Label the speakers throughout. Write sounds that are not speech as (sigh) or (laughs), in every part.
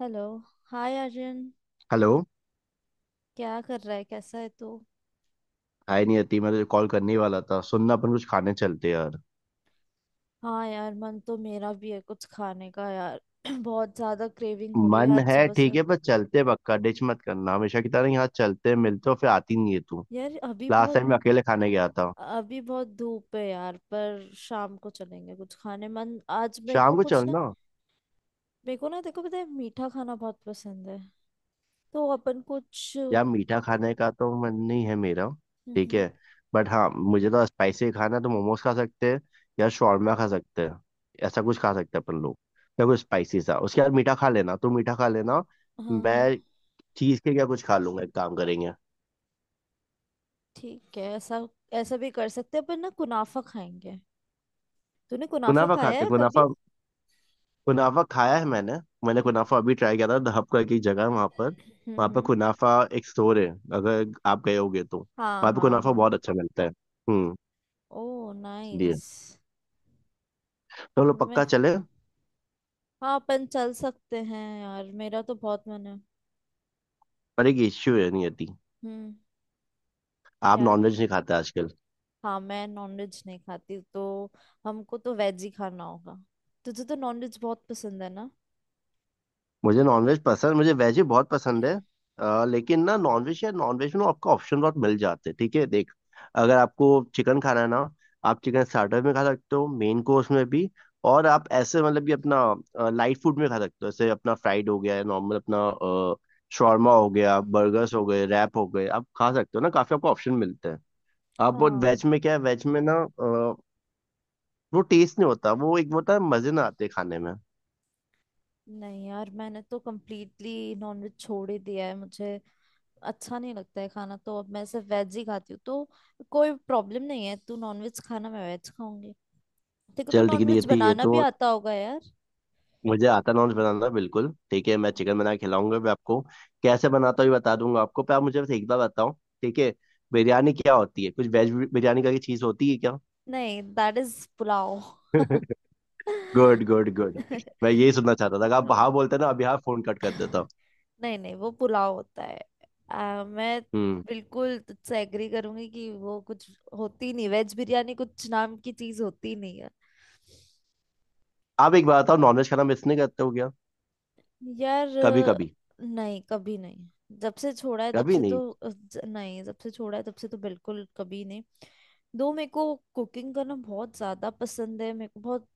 Speaker 1: Hello. Hi Arjun.
Speaker 2: Hello.
Speaker 1: क्या कर रहा है, कैसा है तू।
Speaker 2: हाय नियति, मैं तुझे कॉल करने ही वाला था। सुनना, अपन कुछ खाने चलते हैं यार।
Speaker 1: हाँ यार, मन तो मेरा भी है कुछ खाने का यार। (clears throat) बहुत ज्यादा क्रेविंग हो रही है
Speaker 2: मन
Speaker 1: आज
Speaker 2: है
Speaker 1: सुबह से।
Speaker 2: ठीक है, पर चलते पक्का, डिच मत करना हमेशा की तरह। यहाँ चलते मिलते और फिर आती नहीं है तू।
Speaker 1: यार
Speaker 2: लास्ट टाइम मैं अकेले खाने गया था।
Speaker 1: अभी बहुत धूप है यार, पर शाम को चलेंगे कुछ खाने। मन आज मेरे को
Speaker 2: शाम को
Speaker 1: कुछ ना।
Speaker 2: चलना।
Speaker 1: मेरे को ना, देखो, पता है मीठा खाना बहुत पसंद है। तो अपन कुछ
Speaker 2: यार, मीठा खाने का तो मन नहीं है मेरा। ठीक है,
Speaker 1: हम्म।
Speaker 2: बट हाँ मुझे तो स्पाइसी खाना है, तो मोमोज खा सकते हैं या शॉर्मा खा सकते हैं। ऐसा कुछ खा सकते हैं अपन लोग। या कुछ स्पाइसी सा, उसके बाद मीठा खा लेना, तू मीठा खा लेना।
Speaker 1: हाँ
Speaker 2: मैं
Speaker 1: हाँ,
Speaker 2: चीज के क्या कुछ खा लूंगा। एक काम करेंगे,
Speaker 1: ठीक है। ऐसा ऐसा भी कर सकते हैं अपन ना, कुनाफा खाएंगे। तूने कुनाफा
Speaker 2: कुनाफा
Speaker 1: खाया
Speaker 2: खाते।
Speaker 1: है कभी।
Speaker 2: कुनाफा, कुनाफा खाया है मैंने। मैंने
Speaker 1: हम्म,
Speaker 2: कुनाफा अभी ट्राई किया था। द हब करके एक जगह है वहाँ पर।
Speaker 1: हम्म
Speaker 2: वहाँ पर
Speaker 1: हम्म।
Speaker 2: कुनाफा, एक स्टोर है, अगर आप गए होगे तो।
Speaker 1: हाँ
Speaker 2: वहाँ पे
Speaker 1: हाँ
Speaker 2: कुनाफा
Speaker 1: हाँ।
Speaker 2: बहुत अच्छा मिलता है। हम्म,
Speaker 1: ओह
Speaker 2: इसलिए
Speaker 1: नाइस।
Speaker 2: तो हम लोग
Speaker 1: मैं
Speaker 2: पक्का चले।
Speaker 1: हाँ, अपन चल सकते हैं यार, मेरा तो बहुत मन है।
Speaker 2: पर एक इश्यू है, नहीं आती।
Speaker 1: हम्म।
Speaker 2: आप
Speaker 1: क्या।
Speaker 2: नॉनवेज नहीं खाते आजकल?
Speaker 1: हाँ मैं नॉनवेज नहीं खाती, तो हमको तो वेज ही खाना होगा। तुझे तो नॉनवेज बहुत पसंद है ना।
Speaker 2: मुझे नॉनवेज पसंद, मुझे वेज ही बहुत पसंद है। लेकिन ना नॉनवेज, या नॉनवेज में ना आपको ऑप्शन बहुत मिल जाते हैं। ठीक है, देख, अगर आपको चिकन खाना है ना, आप चिकन स्टार्टर में खा सकते हो, मेन कोर्स में भी। और आप ऐसे मतलब कि अपना लाइट फूड में खा सकते हो। जैसे अपना फ्राइड हो गया नॉर्मल अपना
Speaker 1: हम्म,
Speaker 2: शॉर्मा हो गया, बर्गर्स हो गए, रैप हो गए, आप खा सकते हो ना, काफी आपको ऑप्शन मिलते हैं। आप वो
Speaker 1: हाँ।
Speaker 2: वेज में क्या है, वेज में ना अ, वो टेस्ट नहीं होता। वो एक वो होता है, मजे ना आते खाने में।
Speaker 1: नहीं यार, मैंने तो कम्प्लीटली नॉनवेज छोड़ ही दिया है। मुझे अच्छा नहीं लगता है खाना, तो अब मैं सिर्फ वेज ही खाती हूँ। तो कोई प्रॉब्लम नहीं है, तू नॉनवेज खाना, मैं वेज खाऊंगी। देखो, तो
Speaker 2: चल ठीक है।
Speaker 1: नॉनवेज
Speaker 2: ये
Speaker 1: बनाना
Speaker 2: तो
Speaker 1: भी आता होगा यार।
Speaker 2: मुझे आता, नॉन्स बनाना। बिल्कुल ठीक है, मैं चिकन बना के खिलाऊंगा भी आपको। कैसे बनाता हूँ ये बता दूंगा आपको, पर आप मुझे बस एक बार बताओ, ठीक है।
Speaker 1: हम्म।
Speaker 2: बिरयानी क्या होती है? कुछ वेज बिरयानी का चीज होती है क्या?
Speaker 1: नहीं, that is pulao.
Speaker 2: Good good good. मैं
Speaker 1: (laughs)
Speaker 2: यही सुनना चाहता था कि आप हाँ बोलते ना, अभी हाँ फोन कट कर देता हूँ।
Speaker 1: नहीं नहीं, वो पुलाव होता है। मैं
Speaker 2: हम्म,
Speaker 1: बिल्कुल तुझसे एग्री करूंगी कि वो कुछ होती नहीं, वेज बिरयानी कुछ नाम की चीज होती नहीं है।
Speaker 2: आप एक बात बताओ, नॉनवेज खाना मिस नहीं करते हो क्या
Speaker 1: यार,
Speaker 2: कभी कभी?
Speaker 1: नहीं कभी नहीं। जब से छोड़ा है तब
Speaker 2: कभी
Speaker 1: से तो
Speaker 2: नहीं।
Speaker 1: नहीं, जब से छोड़ा है तब से तो बिल्कुल कभी नहीं। दो मेरे को कुकिंग करना बहुत ज्यादा पसंद है। मेरे को बहुत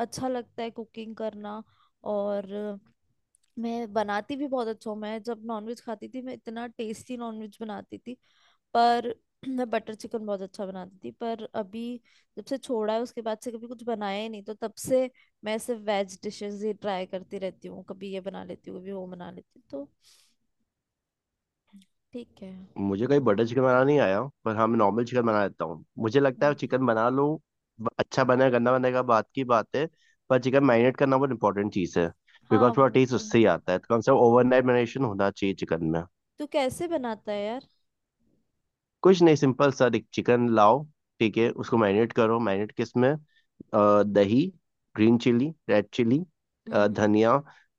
Speaker 1: अच्छा लगता है कुकिंग करना। और मैं बनाती भी बहुत अच्छा हूँ। मैं जब नॉनवेज खाती थी, मैं इतना टेस्टी नॉनवेज बनाती थी। पर (clears throat) मैं बटर चिकन बहुत अच्छा बनाती थी, पर अभी जब से छोड़ा है उसके बाद से कभी कुछ बनाया ही नहीं। तो तब से मैं सिर्फ वेज डिशेस ही ट्राई करती रहती हूँ, कभी ये बना लेती हूँ, कभी वो बना लेती हूँ। तो ठीक है।
Speaker 2: मुझे
Speaker 1: तो,
Speaker 2: कहीं बटर चिकन बनाना नहीं आया, पर हाँ मैं नॉर्मल चिकन बना लेता हूँ। मुझे लगता है
Speaker 1: हम्म,
Speaker 2: चिकन बना लो। अच्छा बने, गंदा बनेगा, बात की बात है। पर चिकन मैरिनेट करना बहुत इंपॉर्टेंट चीज़ है।
Speaker 1: हाँ
Speaker 2: बिकॉज पूरा
Speaker 1: वो
Speaker 2: टेस्ट
Speaker 1: तो।
Speaker 2: उससे ही आता है, तो कम से कम ओवरनाइट मैरिनेशन होना चाहिए चिकन में।
Speaker 1: तू कैसे बनाता है यार।
Speaker 2: कुछ नहीं, सिंपल सा एक चिकन लाओ, ठीक है, उसको मैरिनेट करो। मैरिनेट किस में? दही, ग्रीन चिली, रेड चिली,
Speaker 1: हम्म।
Speaker 2: धनिया,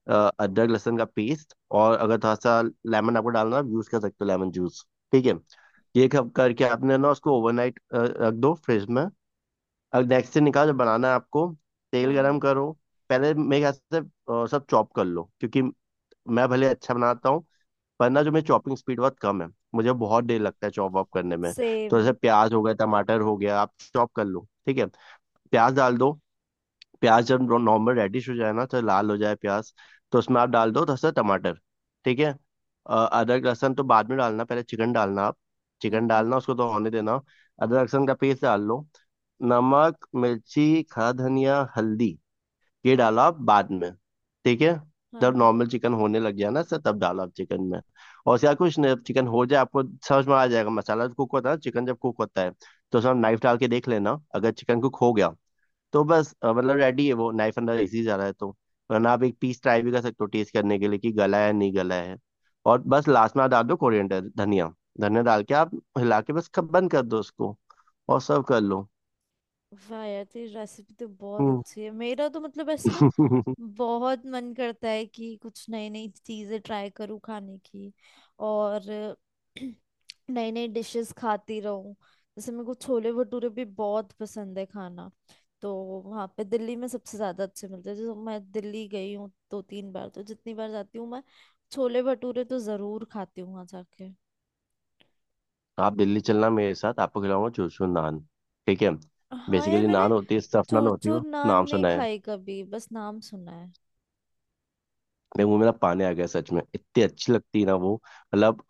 Speaker 2: अदरक लहसुन का पेस्ट। और अगर थोड़ा सा लेमन आपको डालना है, आप यूज कर सकते हो लेमन जूस, ठीक है। ये कब करके आपने ना, उसको ओवरनाइट रख दो फ्रिज में। अब नेक्स्ट से निकाल जब बनाना है आपको, तेल
Speaker 1: हाँ हाँ।
Speaker 2: गरम करो। पहले मेरे ख्याल से सब चॉप कर लो, क्योंकि मैं भले अच्छा बनाता हूँ, पर ना जो मेरी चॉपिंग स्पीड बहुत कम है। मुझे बहुत देर लगता है चॉप वॉप करने में।
Speaker 1: सेम।
Speaker 2: तो जैसे प्याज हो गया, टमाटर हो गया, आप चॉप कर लो ठीक है। प्याज डाल दो। प्याज जब नॉर्मल रेडिश हो जाए ना, तो लाल हो जाए प्याज, तो उसमें आप डाल दो दस से टमाटर, ठीक है। अदरक लहसुन तो बाद में डालना, पहले चिकन डालना आप। चिकन
Speaker 1: हम्म।
Speaker 2: डालना, उसको तो होने देना। अदरक लहसुन का पेस्ट डाल लो। नमक, मिर्ची, खड़ा धनिया, हल्दी, ये डालो आप बाद में ठीक है।
Speaker 1: हाँ
Speaker 2: जब
Speaker 1: हाँ।
Speaker 2: नॉर्मल चिकन होने लग गया ना सर, तब डालो आप चिकन में। और उसके बाद कुछ नहीं, चिकन हो जाए, आपको समझ में आ जाएगा मसाला कुक होता है, चिकन जब कुक होता है। तो उसमें नाइफ डाल के देख लेना, अगर चिकन कुक हो गया तो बस, मतलब रेडी है। वो नाइफ अंदर इजी जा रहा है तो, वरना आप एक पीस ट्राई भी कर सकते हो टेस्ट करने के लिए कि गला है नहीं गला है। और बस लास्ट में आप डाल दो कोरिएंडर धनिया। धनिया डाल के आप हिला के बस कब बंद कर दो उसको, और सर्व कर लो।
Speaker 1: वाह यार, तेरी रेसिपी तो बहुत
Speaker 2: हम्म।
Speaker 1: अच्छी है। मेरा तो मतलब ऐसे ना,
Speaker 2: (laughs)
Speaker 1: बहुत मन करता है कि कुछ नई नई चीजें ट्राई करूँ खाने की। और (clears throat) नई नई डिशेस खाती रहूँ। जैसे मेरे को छोले भटूरे भी बहुत पसंद है खाना। तो वहाँ पे दिल्ली में सबसे ज्यादा अच्छे मिलते हैं। जैसे मैं दिल्ली गई हूँ दो तीन बार, तो जितनी बार जाती हूँ मैं, छोले भटूरे तो जरूर खाती हूँ वहाँ जाके।
Speaker 2: आप दिल्ली चलना मेरे साथ, आपको खिलाऊंगा चूसू नान, ठीक है।
Speaker 1: हाँ यार,
Speaker 2: बेसिकली
Speaker 1: मैंने
Speaker 2: नान होती है, स्टफ नान
Speaker 1: चूर
Speaker 2: होती है,
Speaker 1: चूर
Speaker 2: वो
Speaker 1: नान
Speaker 2: नाम
Speaker 1: नहीं
Speaker 2: सुना है?
Speaker 1: खाई कभी, बस नाम सुना है।
Speaker 2: मेरे मुंह में ना पानी आ गया सच में। इतनी अच्छी लगती है ना वो। मतलब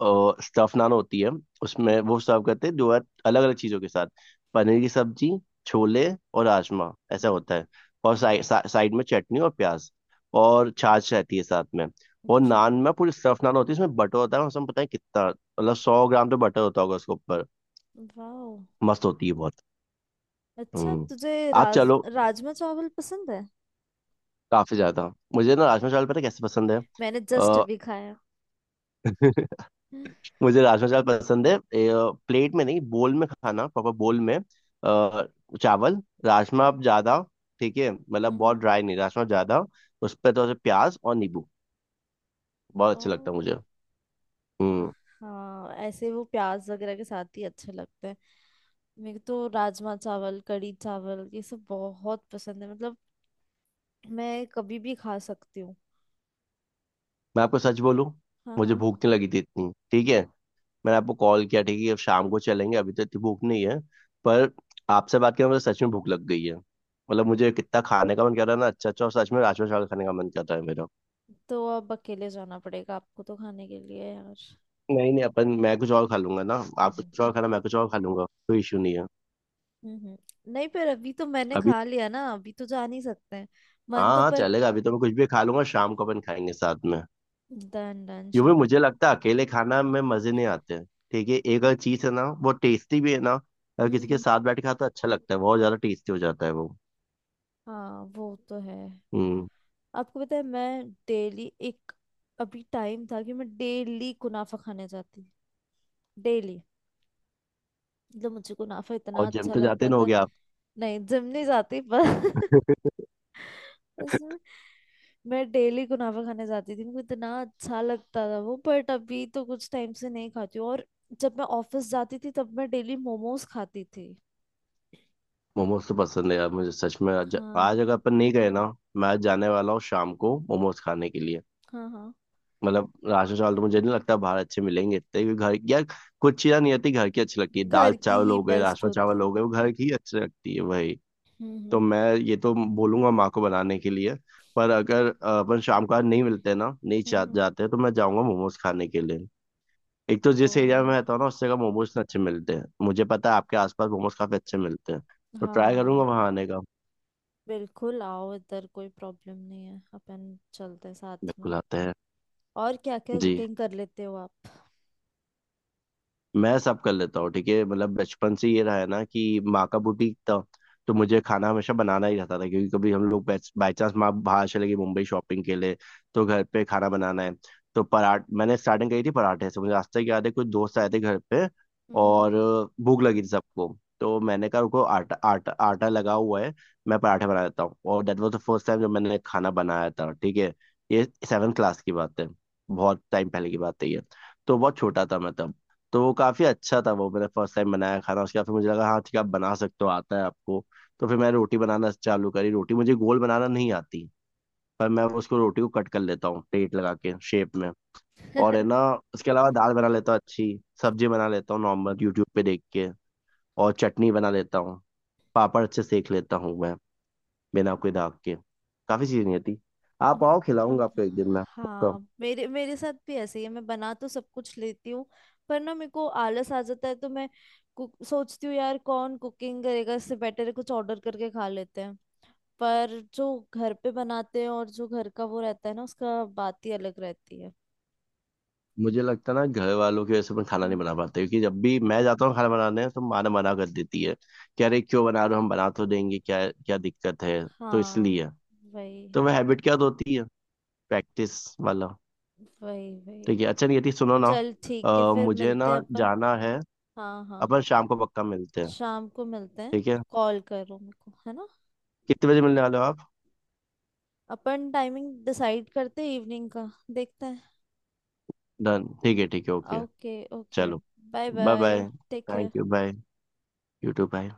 Speaker 2: स्टफ नान होती है, उसमें
Speaker 1: हम्म।
Speaker 2: वो सर्व करते हैं जो है, अलग अलग चीज़ों के साथ। पनीर की सब्जी, छोले, और राजमा, ऐसा होता है। और साइड में चटनी और प्याज, और छाछ रहती है साथ में। और
Speaker 1: अच्छा।
Speaker 2: नान में पूरी स्टफ नान होती है, उसमें बटर होता है, उसमें पता है कितना, मतलब 100 ग्राम तो बटर होता होगा उसके ऊपर।
Speaker 1: वाओ।
Speaker 2: मस्त होती है बहुत।
Speaker 1: अच्छा,
Speaker 2: हम्म,
Speaker 1: तुझे
Speaker 2: आप चलो।
Speaker 1: राजमा चावल पसंद है।
Speaker 2: काफी ज्यादा। मुझे ना राजमा चावल पता है कैसे पसंद है।
Speaker 1: मैंने जस्ट
Speaker 2: अ,
Speaker 1: अभी खाया।
Speaker 2: (laughs) मुझे राजमा चावल पसंद है प्लेट में नहीं, बोल में खाना, प्रॉपर बोल में। चावल राजमा आप ज्यादा, ठीक है, मतलब बहुत
Speaker 1: हम्म।
Speaker 2: ड्राई नहीं, राजमा ज्यादा। उस पर थोड़ा सा प्याज और नींबू, बहुत अच्छा लगता है
Speaker 1: ओ।
Speaker 2: मुझे। हम्म।
Speaker 1: हाँ ऐसे वो प्याज वगैरह के साथ ही अच्छे लगते हैं। मेरे को तो राजमा चावल, कढ़ी चावल, ये सब बहुत पसंद है। मतलब मैं कभी भी खा सकती हूँ।
Speaker 2: मैं आपको सच बोलूं,
Speaker 1: हाँ
Speaker 2: मुझे
Speaker 1: हाँ।
Speaker 2: भूख नहीं लगी थी इतनी ठीक है। मैंने आपको कॉल किया, ठीक है अब शाम को चलेंगे, अभी तो इतनी भूख नहीं है। पर आपसे बात करके मुझे सच में भूख लग गई है। मतलब मुझे कितना खाने का मन कर रहा है ना, अच्छा अच्छा, और सच में राजमा चावल खाने का मन कर रहा है मेरा।
Speaker 1: तो अब अकेले जाना पड़ेगा आपको तो खाने के लिए यार।
Speaker 2: नहीं नहीं अपन, मैं कुछ और खा लूंगा ना। आप
Speaker 1: हम्म
Speaker 2: कुछ और खाना, मैं कुछ और खा लूंगा, कोई इशू नहीं है।
Speaker 1: हम्म। नहीं, पर अभी तो मैंने
Speaker 2: अभी
Speaker 1: खा लिया ना, अभी तो जा नहीं सकते हैं। मन
Speaker 2: हाँ
Speaker 1: तो
Speaker 2: हाँ
Speaker 1: पर
Speaker 2: चलेगा, अभी तो मैं कुछ भी खा लूंगा, शाम को अपन खाएंगे साथ में।
Speaker 1: डन डन,
Speaker 2: यूं भी
Speaker 1: शाम
Speaker 2: मुझे लगता है अकेले खाना में मजे नहीं आते। ठीक है, एक अगर चीज है ना, वो टेस्टी भी है ना, अगर किसी के
Speaker 1: को।
Speaker 2: साथ बैठ के खाता अच्छा लगता है, बहुत ज्यादा टेस्टी हो जाता है वो।
Speaker 1: हाँ वो तो है।
Speaker 2: हम्म,
Speaker 1: आपको पता है, मैं डेली एक अभी टाइम था कि मैं डेली कुनाफा खाने जाती। डेली, मतलब मुझे कुनाफा इतना
Speaker 2: और जिम
Speaker 1: अच्छा
Speaker 2: तो जाते
Speaker 1: लगता
Speaker 2: ना हो
Speaker 1: था।
Speaker 2: गया।
Speaker 1: नहीं, जिम नहीं जाती पर (laughs) उसमें मैं डेली कुनाफा खाने जाती थी, मुझे इतना अच्छा लगता था वो। बट अभी तो कुछ टाइम से नहीं खाती हूँ। और जब मैं ऑफिस जाती थी तब मैं डेली मोमोज खाती थी।
Speaker 2: मोमोज तो पसंद है यार मुझे सच में।
Speaker 1: हाँ
Speaker 2: आज अगर अपन नहीं गए ना, मैं आज जाने वाला हूँ शाम को मोमोज खाने के लिए।
Speaker 1: हाँ हाँ।
Speaker 2: मतलब राशन चावल तो मुझे नहीं लगता बाहर अच्छे मिलेंगे इतने, क्योंकि घर यार, कुछ चीज़ें नहीं आती, घर की अच्छी लगती है। दाल
Speaker 1: घर की
Speaker 2: चावल
Speaker 1: ही
Speaker 2: हो गए,
Speaker 1: बेस्ट
Speaker 2: राजमा चावल
Speaker 1: होती।
Speaker 2: हो गए, वो घर की ही अच्छी लगती है भाई। तो
Speaker 1: हम्म,
Speaker 2: मैं ये तो बोलूंगा माँ को बनाने के लिए। पर अगर अपन शाम को आज नहीं मिलते ना, नहीं
Speaker 1: हम्म हम्म।
Speaker 2: जाते, तो मैं जाऊंगा मोमोज खाने के लिए। एक तो
Speaker 1: ओ।
Speaker 2: जिस एरिया में रहता हूँ ना, उससे का मोमोज अच्छे मिलते हैं, मुझे पता है आपके आसपास मोमोज काफी अच्छे मिलते हैं। तो ट्राई करूंगा
Speaker 1: हाँ
Speaker 2: वहां आने का।
Speaker 1: बिल्कुल आओ, इधर कोई प्रॉब्लम नहीं है। अपन चलते हैं साथ में।
Speaker 2: बिल्कुल आता है।
Speaker 1: और क्या क्या
Speaker 2: जी।
Speaker 1: कुकिंग कर लेते हो आप।
Speaker 2: मैं सब कर लेता हूँ ठीक है। मतलब बचपन से ये रहा है ना कि माँ का बुटीक था, तो मुझे खाना हमेशा बनाना ही रहता था, क्योंकि कभी हम लोग, बाई चांस माँ बाहर चले गई मुंबई शॉपिंग के लिए, तो घर पे खाना बनाना है। तो पराठ मैंने स्टार्टिंग करी थी पराठे से। मुझे आज तक याद है, कुछ दोस्त आए थे घर पे
Speaker 1: हम्म।
Speaker 2: और भूख लगी थी सबको, तो मैंने कहा उनको, आटा आटा आटा लगा हुआ है, मैं पराठे बना देता हूँ, और that was the first time जब मैंने खाना बनाया था ठीक है। ये 7 क्लास की बात है, बहुत टाइम पहले की बात है ये, तो बहुत छोटा था मैं तब। तो वो काफ़ी अच्छा था, वो मैंने फर्स्ट टाइम बनाया खाना। उसके बाद फिर मुझे लगा हाँ ठीक है, आप बना सकते हो, आता है आपको। तो फिर मैं रोटी बनाना चालू करी। रोटी मुझे गोल बनाना नहीं आती, पर मैं उसको रोटी को कट कर लेता हूँ प्लेट लगा के शेप में। और है ना,
Speaker 1: (laughs)
Speaker 2: उसके अलावा दाल बना लेता हूँ, अच्छी सब्जी बना लेता हूँ नॉर्मल यूट्यूब पे देख के, और चटनी बना लेता हूँ, पापड़ अच्छे सेक लेता हूँ मैं, बिना कोई दाग के। काफ़ी चीज़ें नहीं आती। आप आओ, खिलाऊंगा
Speaker 1: अम्म,
Speaker 2: आपको एक दिन मैं पक्का।
Speaker 1: हाँ, मेरे मेरे साथ भी ऐसे ही है। मैं बना तो सब कुछ लेती हूँ, पर ना मेरे को आलस आ जाता है। तो मैं कुक सोचती हूँ, यार कौन कुकिंग करेगा, इससे बेटर है कुछ ऑर्डर करके खा लेते हैं। पर जो घर पे बनाते हैं, और जो घर का वो रहता है ना, उसका बात ही अलग रहती है।
Speaker 2: मुझे लगता है ना घर वालों की वजह से मैं खाना नहीं
Speaker 1: हम्म।
Speaker 2: बना पाता, क्योंकि जब भी मैं जाता हूँ खाना बनाने, तो माँ ना मना कर देती है कि अरे क्यों बना रहे हो, हम बना तो देंगे, क्या क्या दिक्कत है। तो
Speaker 1: हाँ
Speaker 2: इसलिए,
Speaker 1: वही
Speaker 2: तो वह हैबिट क्या होती है, प्रैक्टिस वाला।
Speaker 1: वही वही।
Speaker 2: ठीक है, अच्छा नियति सुनो ना,
Speaker 1: चल ठीक है, फिर
Speaker 2: मुझे
Speaker 1: मिलते
Speaker 2: ना
Speaker 1: हैं अपन।
Speaker 2: जाना है।
Speaker 1: हाँ हाँ।
Speaker 2: अपन शाम को पक्का मिलते हैं,
Speaker 1: शाम को मिलते हैं।
Speaker 2: ठीक है।
Speaker 1: कॉल करो मेरे को, है ना।
Speaker 2: कितने बजे मिलने वाले हो आप?
Speaker 1: अपन टाइमिंग डिसाइड करते हैं, इवनिंग का देखते हैं।
Speaker 2: डन, ठीक है ठीक है, ओके।
Speaker 1: Okay okay.
Speaker 2: चलो,
Speaker 1: bye
Speaker 2: bye
Speaker 1: bye.
Speaker 2: Bye.
Speaker 1: Take care.
Speaker 2: Thank you, bye. YouTube bye.